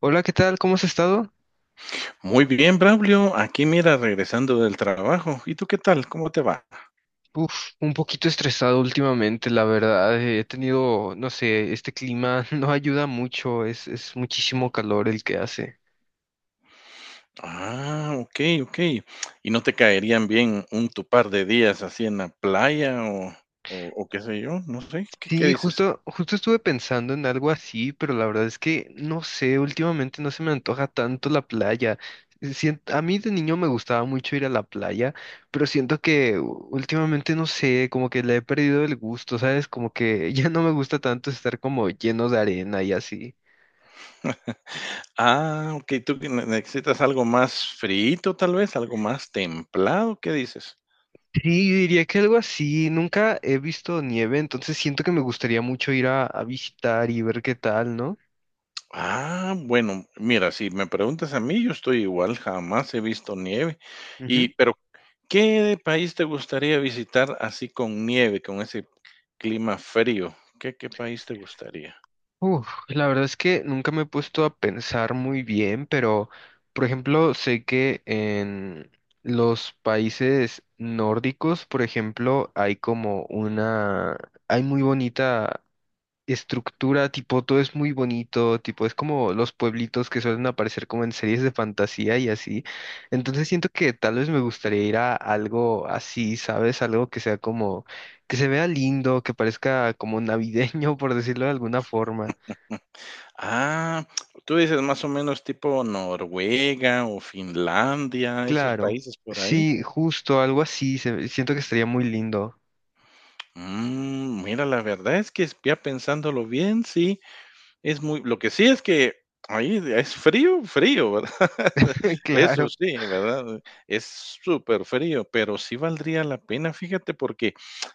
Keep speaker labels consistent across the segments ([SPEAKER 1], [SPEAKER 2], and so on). [SPEAKER 1] Hola, ¿qué tal? ¿Cómo has estado?
[SPEAKER 2] Muy bien, Braulio. Aquí mira, regresando del trabajo. ¿Y tú qué tal? ¿Cómo te va?
[SPEAKER 1] Uf, un poquito estresado últimamente, la verdad. He tenido, no sé, este clima no ayuda mucho, es muchísimo calor el que hace.
[SPEAKER 2] Ah, ok, ok. ¿Y no te caerían bien un tu par de días así en la playa o qué sé yo? No sé. ¿Qué
[SPEAKER 1] Sí,
[SPEAKER 2] dices?
[SPEAKER 1] justo estuve pensando en algo así, pero la verdad es que no sé, últimamente no se me antoja tanto la playa. A mí de niño me gustaba mucho ir a la playa, pero siento que últimamente no sé, como que le he perdido el gusto, ¿sabes? Como que ya no me gusta tanto estar como lleno de arena y así.
[SPEAKER 2] Ah, ok. ¿Tú que necesitas algo más frito, tal vez? ¿Algo más templado? ¿Qué dices?
[SPEAKER 1] Sí, yo diría que algo así. Nunca he visto nieve, entonces siento que me gustaría mucho ir a visitar y ver qué tal, ¿no?
[SPEAKER 2] Ah, bueno, mira, si me preguntas a mí, yo estoy igual. Jamás he visto nieve. Y,
[SPEAKER 1] Ujú.
[SPEAKER 2] pero, ¿qué país te gustaría visitar así con nieve, con ese clima frío? ¿Qué país te gustaría?
[SPEAKER 1] Uf, la verdad es que nunca me he puesto a pensar muy bien, pero por ejemplo, sé que en los países nórdicos, por ejemplo, hay muy bonita estructura, tipo, todo es muy bonito, tipo, es como los pueblitos que suelen aparecer como en series de fantasía y así. Entonces siento que tal vez me gustaría ir a algo así, ¿sabes? Algo que sea como, que se vea lindo, que parezca como navideño, por decirlo de alguna forma.
[SPEAKER 2] Ah, tú dices más o menos tipo Noruega o Finlandia, esos
[SPEAKER 1] Claro,
[SPEAKER 2] países por ahí.
[SPEAKER 1] sí, justo, algo así, siento que estaría muy lindo.
[SPEAKER 2] Mm, mira, la verdad es que ya pensándolo bien, sí, es muy lo que sí es que ahí es frío, frío, ¿verdad? Eso
[SPEAKER 1] Claro.
[SPEAKER 2] sí, ¿verdad? Es súper frío, pero sí valdría la pena, fíjate, porque,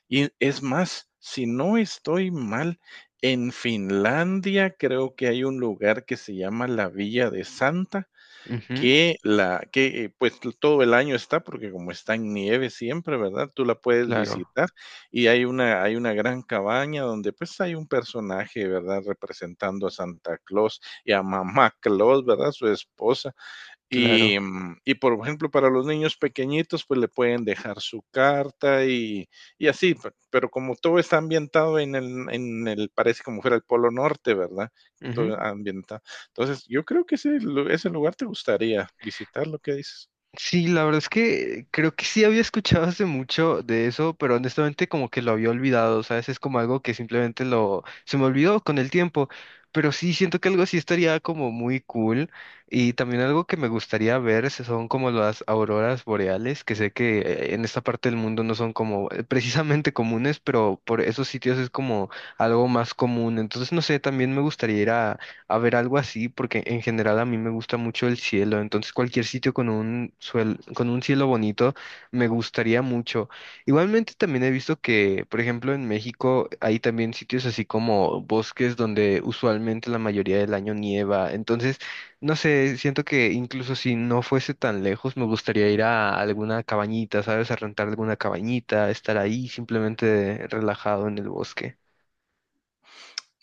[SPEAKER 2] y es más, si no estoy mal, en Finlandia creo que hay un lugar que se llama la Villa de Santa,
[SPEAKER 1] Ujú,
[SPEAKER 2] que la que pues todo el año está porque como está en nieve siempre, ¿verdad? Tú la puedes
[SPEAKER 1] claro,
[SPEAKER 2] visitar y hay una gran cabaña donde pues hay un personaje, ¿verdad?, representando a Santa Claus y a Mamá Claus, ¿verdad?, su esposa. Y,
[SPEAKER 1] claro.
[SPEAKER 2] mm, y, por ejemplo, para los niños pequeñitos, pues le pueden dejar su carta y así, pero como todo está ambientado en el, parece como fuera el Polo Norte, ¿verdad? Todo ambientado. Entonces, yo creo que ese lugar te gustaría visitar, lo que dices.
[SPEAKER 1] Sí, la verdad es que creo que sí había escuchado hace mucho de eso, pero honestamente como que lo había olvidado, ¿sabes? Es como algo que simplemente lo se me olvidó con el tiempo, pero sí siento que algo así estaría como muy cool y también algo que me gustaría ver son como las auroras boreales, que sé que en esta parte del mundo no son como precisamente comunes, pero por esos sitios es como algo más común, entonces no sé, también me gustaría ir a ver, algo así, porque en general a mí me gusta mucho el cielo, entonces cualquier sitio con un con un cielo bonito me gustaría mucho. Igualmente también he visto que, por ejemplo, en México hay también sitios así como bosques donde usualmente la mayoría del año nieva, entonces, no sé, siento que incluso si no fuese tan lejos, me gustaría ir a alguna cabañita, ¿sabes? A rentar alguna cabañita, estar ahí simplemente relajado en el bosque.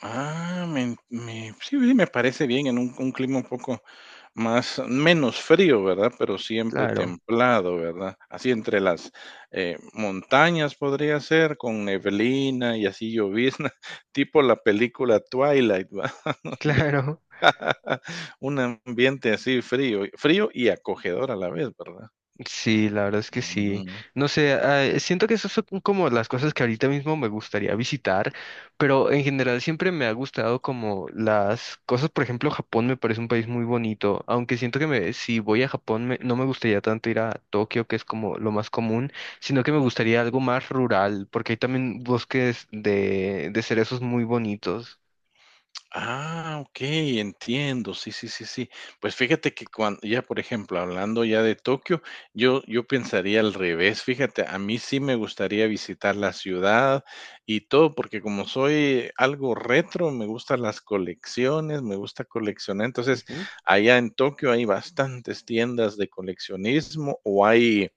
[SPEAKER 2] Ah, sí, sí, me parece bien en un clima un poco más menos frío, ¿verdad? Pero siempre
[SPEAKER 1] Claro,
[SPEAKER 2] templado, ¿verdad? Así entre las, montañas, podría ser, con neblina y así llovizna, tipo la película Twilight, ¿verdad? Donde
[SPEAKER 1] claro.
[SPEAKER 2] un ambiente así frío, frío y acogedor a la vez, ¿verdad?
[SPEAKER 1] Sí, la verdad es que sí.
[SPEAKER 2] Mm.
[SPEAKER 1] No sé, siento que esas son como las cosas que ahorita mismo me gustaría visitar, pero en general siempre me ha gustado como las cosas, por ejemplo, Japón me parece un país muy bonito, aunque siento que me, si voy a Japón no me gustaría tanto ir a Tokio, que es como lo más común, sino que me gustaría algo más rural, porque hay también bosques de cerezos muy bonitos.
[SPEAKER 2] Ah, okey, entiendo. Sí, sí, sí, sí. Pues fíjate que cuando ya, por ejemplo, hablando ya de Tokio, yo pensaría al revés, fíjate, a mí sí me gustaría visitar la ciudad y todo, porque como soy algo retro, me gustan las colecciones, me gusta coleccionar. Entonces,
[SPEAKER 1] Ujú,
[SPEAKER 2] allá en Tokio hay bastantes tiendas de coleccionismo o hay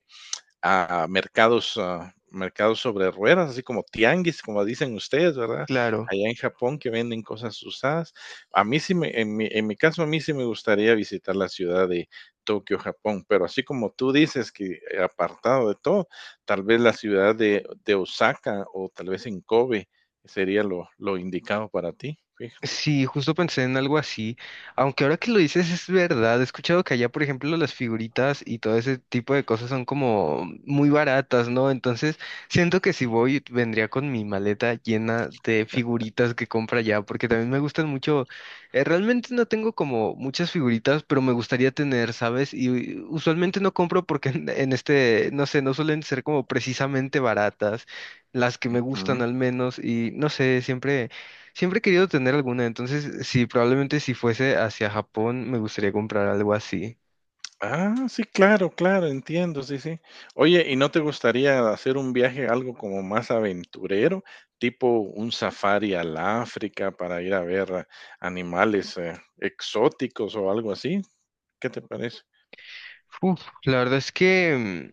[SPEAKER 2] a mercados, ah, mercados sobre ruedas, así como tianguis, como dicen ustedes, ¿verdad?
[SPEAKER 1] claro.
[SPEAKER 2] Allá en Japón que venden cosas usadas. A mí sí me, en mi caso, a mí sí me gustaría visitar la ciudad de Tokio, Japón, pero así como tú dices que apartado de todo, tal vez la ciudad de Osaka o tal vez en Kobe sería lo indicado para ti, fija-.
[SPEAKER 1] Sí, justo pensé en algo así, aunque ahora que lo dices es verdad, he escuchado que allá, por ejemplo, las figuritas y todo ese tipo de cosas son como muy baratas, ¿no? Entonces, siento que si voy, vendría con mi maleta llena de figuritas que compra allá, porque también me gustan mucho, realmente no tengo como muchas figuritas, pero me gustaría tener, ¿sabes? Y usualmente no compro porque en este, no sé, no suelen ser como precisamente baratas, las que me gustan al menos, y no sé, siempre... Siempre he querido tener alguna, entonces sí, probablemente si fuese hacia Japón me gustaría comprar algo así.
[SPEAKER 2] Ah, sí, claro, claro, entiendo, sí, sí. Oye, ¿y no te gustaría hacer un viaje algo como más aventurero, tipo un safari al África para ir a ver animales exóticos o algo así? ¿Qué te parece?
[SPEAKER 1] Uf, la verdad es que...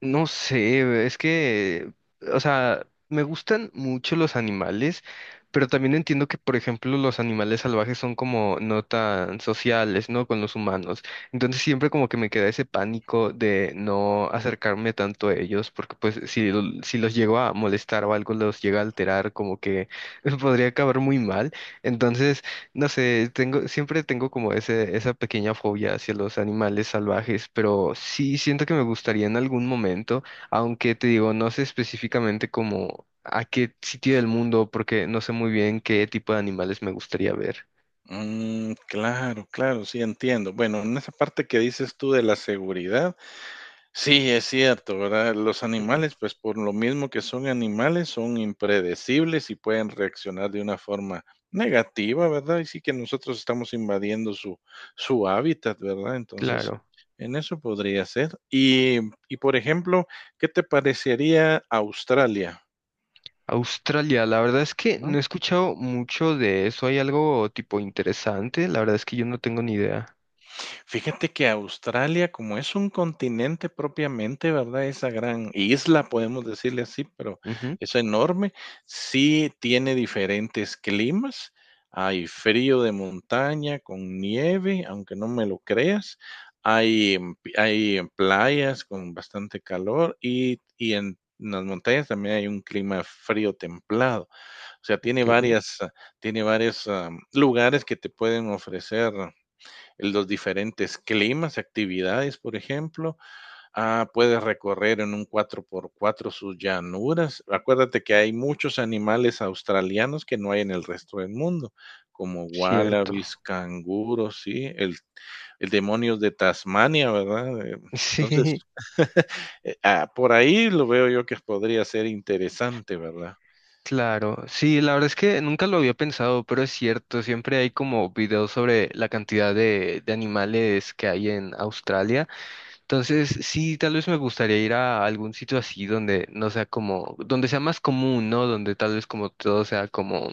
[SPEAKER 1] mm, no sé, es que, o sea, me gustan mucho los animales, pero también entiendo que, por ejemplo, los animales salvajes son como no tan sociales, ¿no? Con los humanos. Entonces siempre como que me queda ese pánico de no acercarme tanto a ellos, porque pues si, si los llego a molestar o algo los llega a alterar, como que podría acabar muy mal. Entonces no sé, siempre tengo como ese, esa pequeña fobia hacia los animales salvajes, pero sí siento que me gustaría en algún momento, aunque te digo, no sé específicamente como a qué sitio del mundo, porque no sé muy bien qué tipo de animales me gustaría ver.
[SPEAKER 2] Mm, claro, claro, sí, entiendo. Bueno, en esa parte que dices tú de la seguridad, sí, es cierto, ¿verdad? Los
[SPEAKER 1] Ujú.
[SPEAKER 2] animales, pues por lo mismo que son animales, son impredecibles y pueden reaccionar de una forma negativa, ¿verdad? Y sí que nosotros estamos invadiendo su, su hábitat, ¿verdad? Entonces,
[SPEAKER 1] Claro.
[SPEAKER 2] en eso podría ser. Y por ejemplo, ¿qué te parecería Australia?
[SPEAKER 1] Australia, la verdad es que no
[SPEAKER 2] ¿No?
[SPEAKER 1] he escuchado mucho de eso. ¿Hay algo tipo interesante? La verdad es que yo no tengo ni idea.
[SPEAKER 2] Fíjate que Australia, como es un continente propiamente, ¿verdad?, esa gran isla, podemos decirle así, pero
[SPEAKER 1] Ujú,
[SPEAKER 2] es enorme. Sí tiene diferentes climas. Hay frío de montaña con nieve, aunque no me lo creas. Hay, playas con bastante calor y en las montañas también hay un clima frío templado. O sea, tiene
[SPEAKER 1] ok,
[SPEAKER 2] varias, ah, tiene varios lugares que te pueden ofrecer los diferentes climas, actividades, por ejemplo. Ah, puedes recorrer en un cuatro por cuatro sus llanuras. Acuérdate que hay muchos animales australianos que no hay en el resto del mundo, como
[SPEAKER 1] cierto.
[SPEAKER 2] wallabies, canguros, sí, el demonios de Tasmania, ¿verdad?
[SPEAKER 1] Sí,
[SPEAKER 2] Entonces, por ahí lo veo yo que podría ser interesante, ¿verdad?
[SPEAKER 1] claro. Sí, la verdad es que nunca lo había pensado, pero es cierto. Siempre hay como videos sobre la cantidad de animales que hay en Australia. Entonces, sí, tal vez me gustaría ir a algún sitio así donde no sea como, donde sea más común, ¿no? Donde tal vez como todo sea como,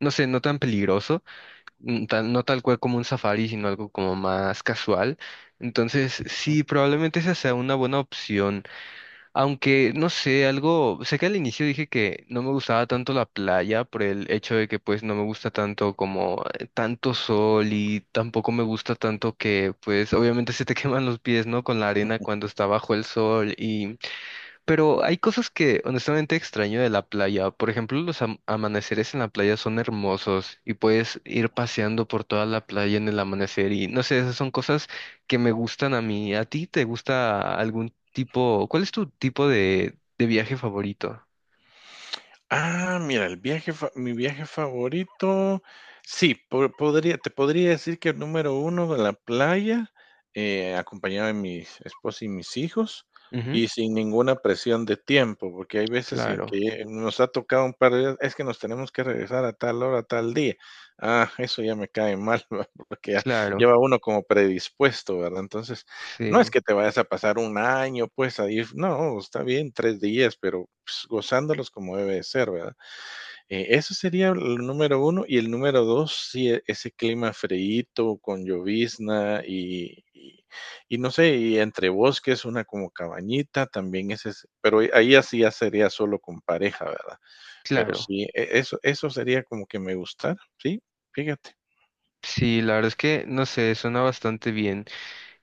[SPEAKER 1] no sé, no tan peligroso. Mm, no tal cual como un safari, sino algo como más casual. Entonces, sí, probablemente esa sea una buena opción. Aunque, no sé, algo, sé que al inicio dije que no me gustaba tanto la playa por el hecho de que pues no me gusta tanto como tanto sol y tampoco me gusta tanto que pues obviamente se te queman los pies, ¿no? Con la arena cuando está bajo el sol, pero hay cosas que honestamente extraño de la playa. Por ejemplo, los amaneceres en la playa son hermosos y puedes ir paseando por toda la playa en el amanecer y no sé, esas son cosas que me gustan a mí. ¿A ti te gusta algún tipo? ¿Cuál es tu tipo de viaje favorito?
[SPEAKER 2] Ah, mira, el viaje fa mi viaje favorito, sí, po podría te podría decir que el número uno, de la playa, acompañado de mi esposa y mis hijos,
[SPEAKER 1] Ujú,
[SPEAKER 2] y sin ninguna presión de tiempo, porque hay veces en
[SPEAKER 1] claro,
[SPEAKER 2] que nos ha tocado un par de días, es que nos tenemos que regresar a tal hora, tal día. Ah, eso ya me cae mal, ¿verdad? Porque ya ya
[SPEAKER 1] claro,
[SPEAKER 2] va uno como predispuesto, ¿verdad? Entonces, no es
[SPEAKER 1] sí,
[SPEAKER 2] que te vayas a pasar un año, pues, ahí, no, está bien, 3 días, pero, pues, gozándolos como debe de ser, ¿verdad? Eso sería el número uno, y el número 2, sí, ese clima freíto con llovizna y no sé, y entre bosques, una como cabañita, también ese es, pero ahí así ya sería solo con pareja, ¿verdad? Pero
[SPEAKER 1] claro.
[SPEAKER 2] sí, eso, sería como que me gustara, sí, fíjate.
[SPEAKER 1] Sí, la verdad es que no sé, suena bastante bien.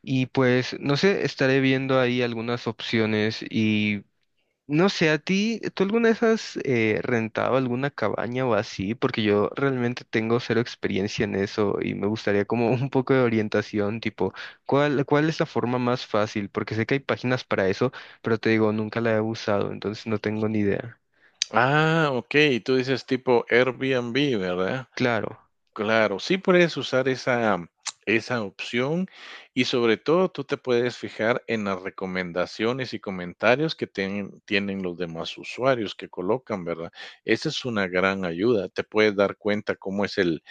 [SPEAKER 1] Y pues, no sé, estaré viendo ahí algunas opciones y no sé, a ti, ¿tú alguna vez has rentado alguna cabaña o así? Porque yo realmente tengo cero experiencia en eso y me gustaría como un poco de orientación, tipo, ¿cuál es la forma más fácil? Porque sé que hay páginas para eso, pero te digo, nunca la he usado, entonces no tengo ni idea.
[SPEAKER 2] Ah, okey, tú dices tipo Airbnb, ¿verdad?
[SPEAKER 1] Claro,
[SPEAKER 2] Claro, sí puedes usar esa, esa opción, y sobre todo tú te puedes fijar en las recomendaciones y comentarios que tienen los demás usuarios que colocan, ¿verdad? Esa es una gran ayuda. Te puedes dar cuenta cómo es el,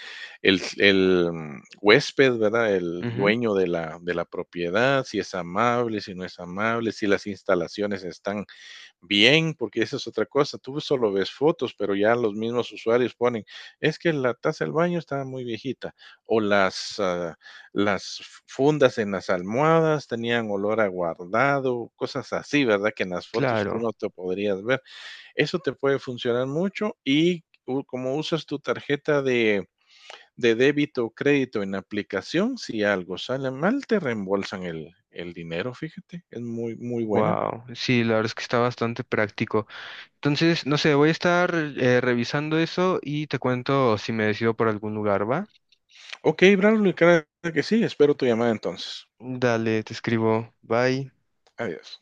[SPEAKER 2] el, el, mm, huésped, ¿verdad?, el
[SPEAKER 1] ujú,
[SPEAKER 2] dueño de la propiedad, si es amable, si no es amable, si las instalaciones están bien, porque esa es otra cosa. Tú solo ves fotos, pero ya los mismos usuarios ponen, es que la taza del baño está muy viejita o las, las fundas en las almohadas tenían olor a guardado, cosas así, ¿verdad?, que en las fotos tú
[SPEAKER 1] claro.
[SPEAKER 2] no te podrías ver. Eso te puede funcionar mucho, y como usas tu tarjeta de débito o crédito en la aplicación, si algo sale mal, te reembolsan el dinero, fíjate, es muy, muy buena.
[SPEAKER 1] Wow, sí, la verdad es que está bastante práctico. Entonces, no sé, voy a estar revisando eso y te cuento si me decido por algún lugar, ¿va?
[SPEAKER 2] Ok, Braulio, claro que sí. Espero tu llamada entonces.
[SPEAKER 1] Dale, te escribo. Bye.
[SPEAKER 2] Adiós.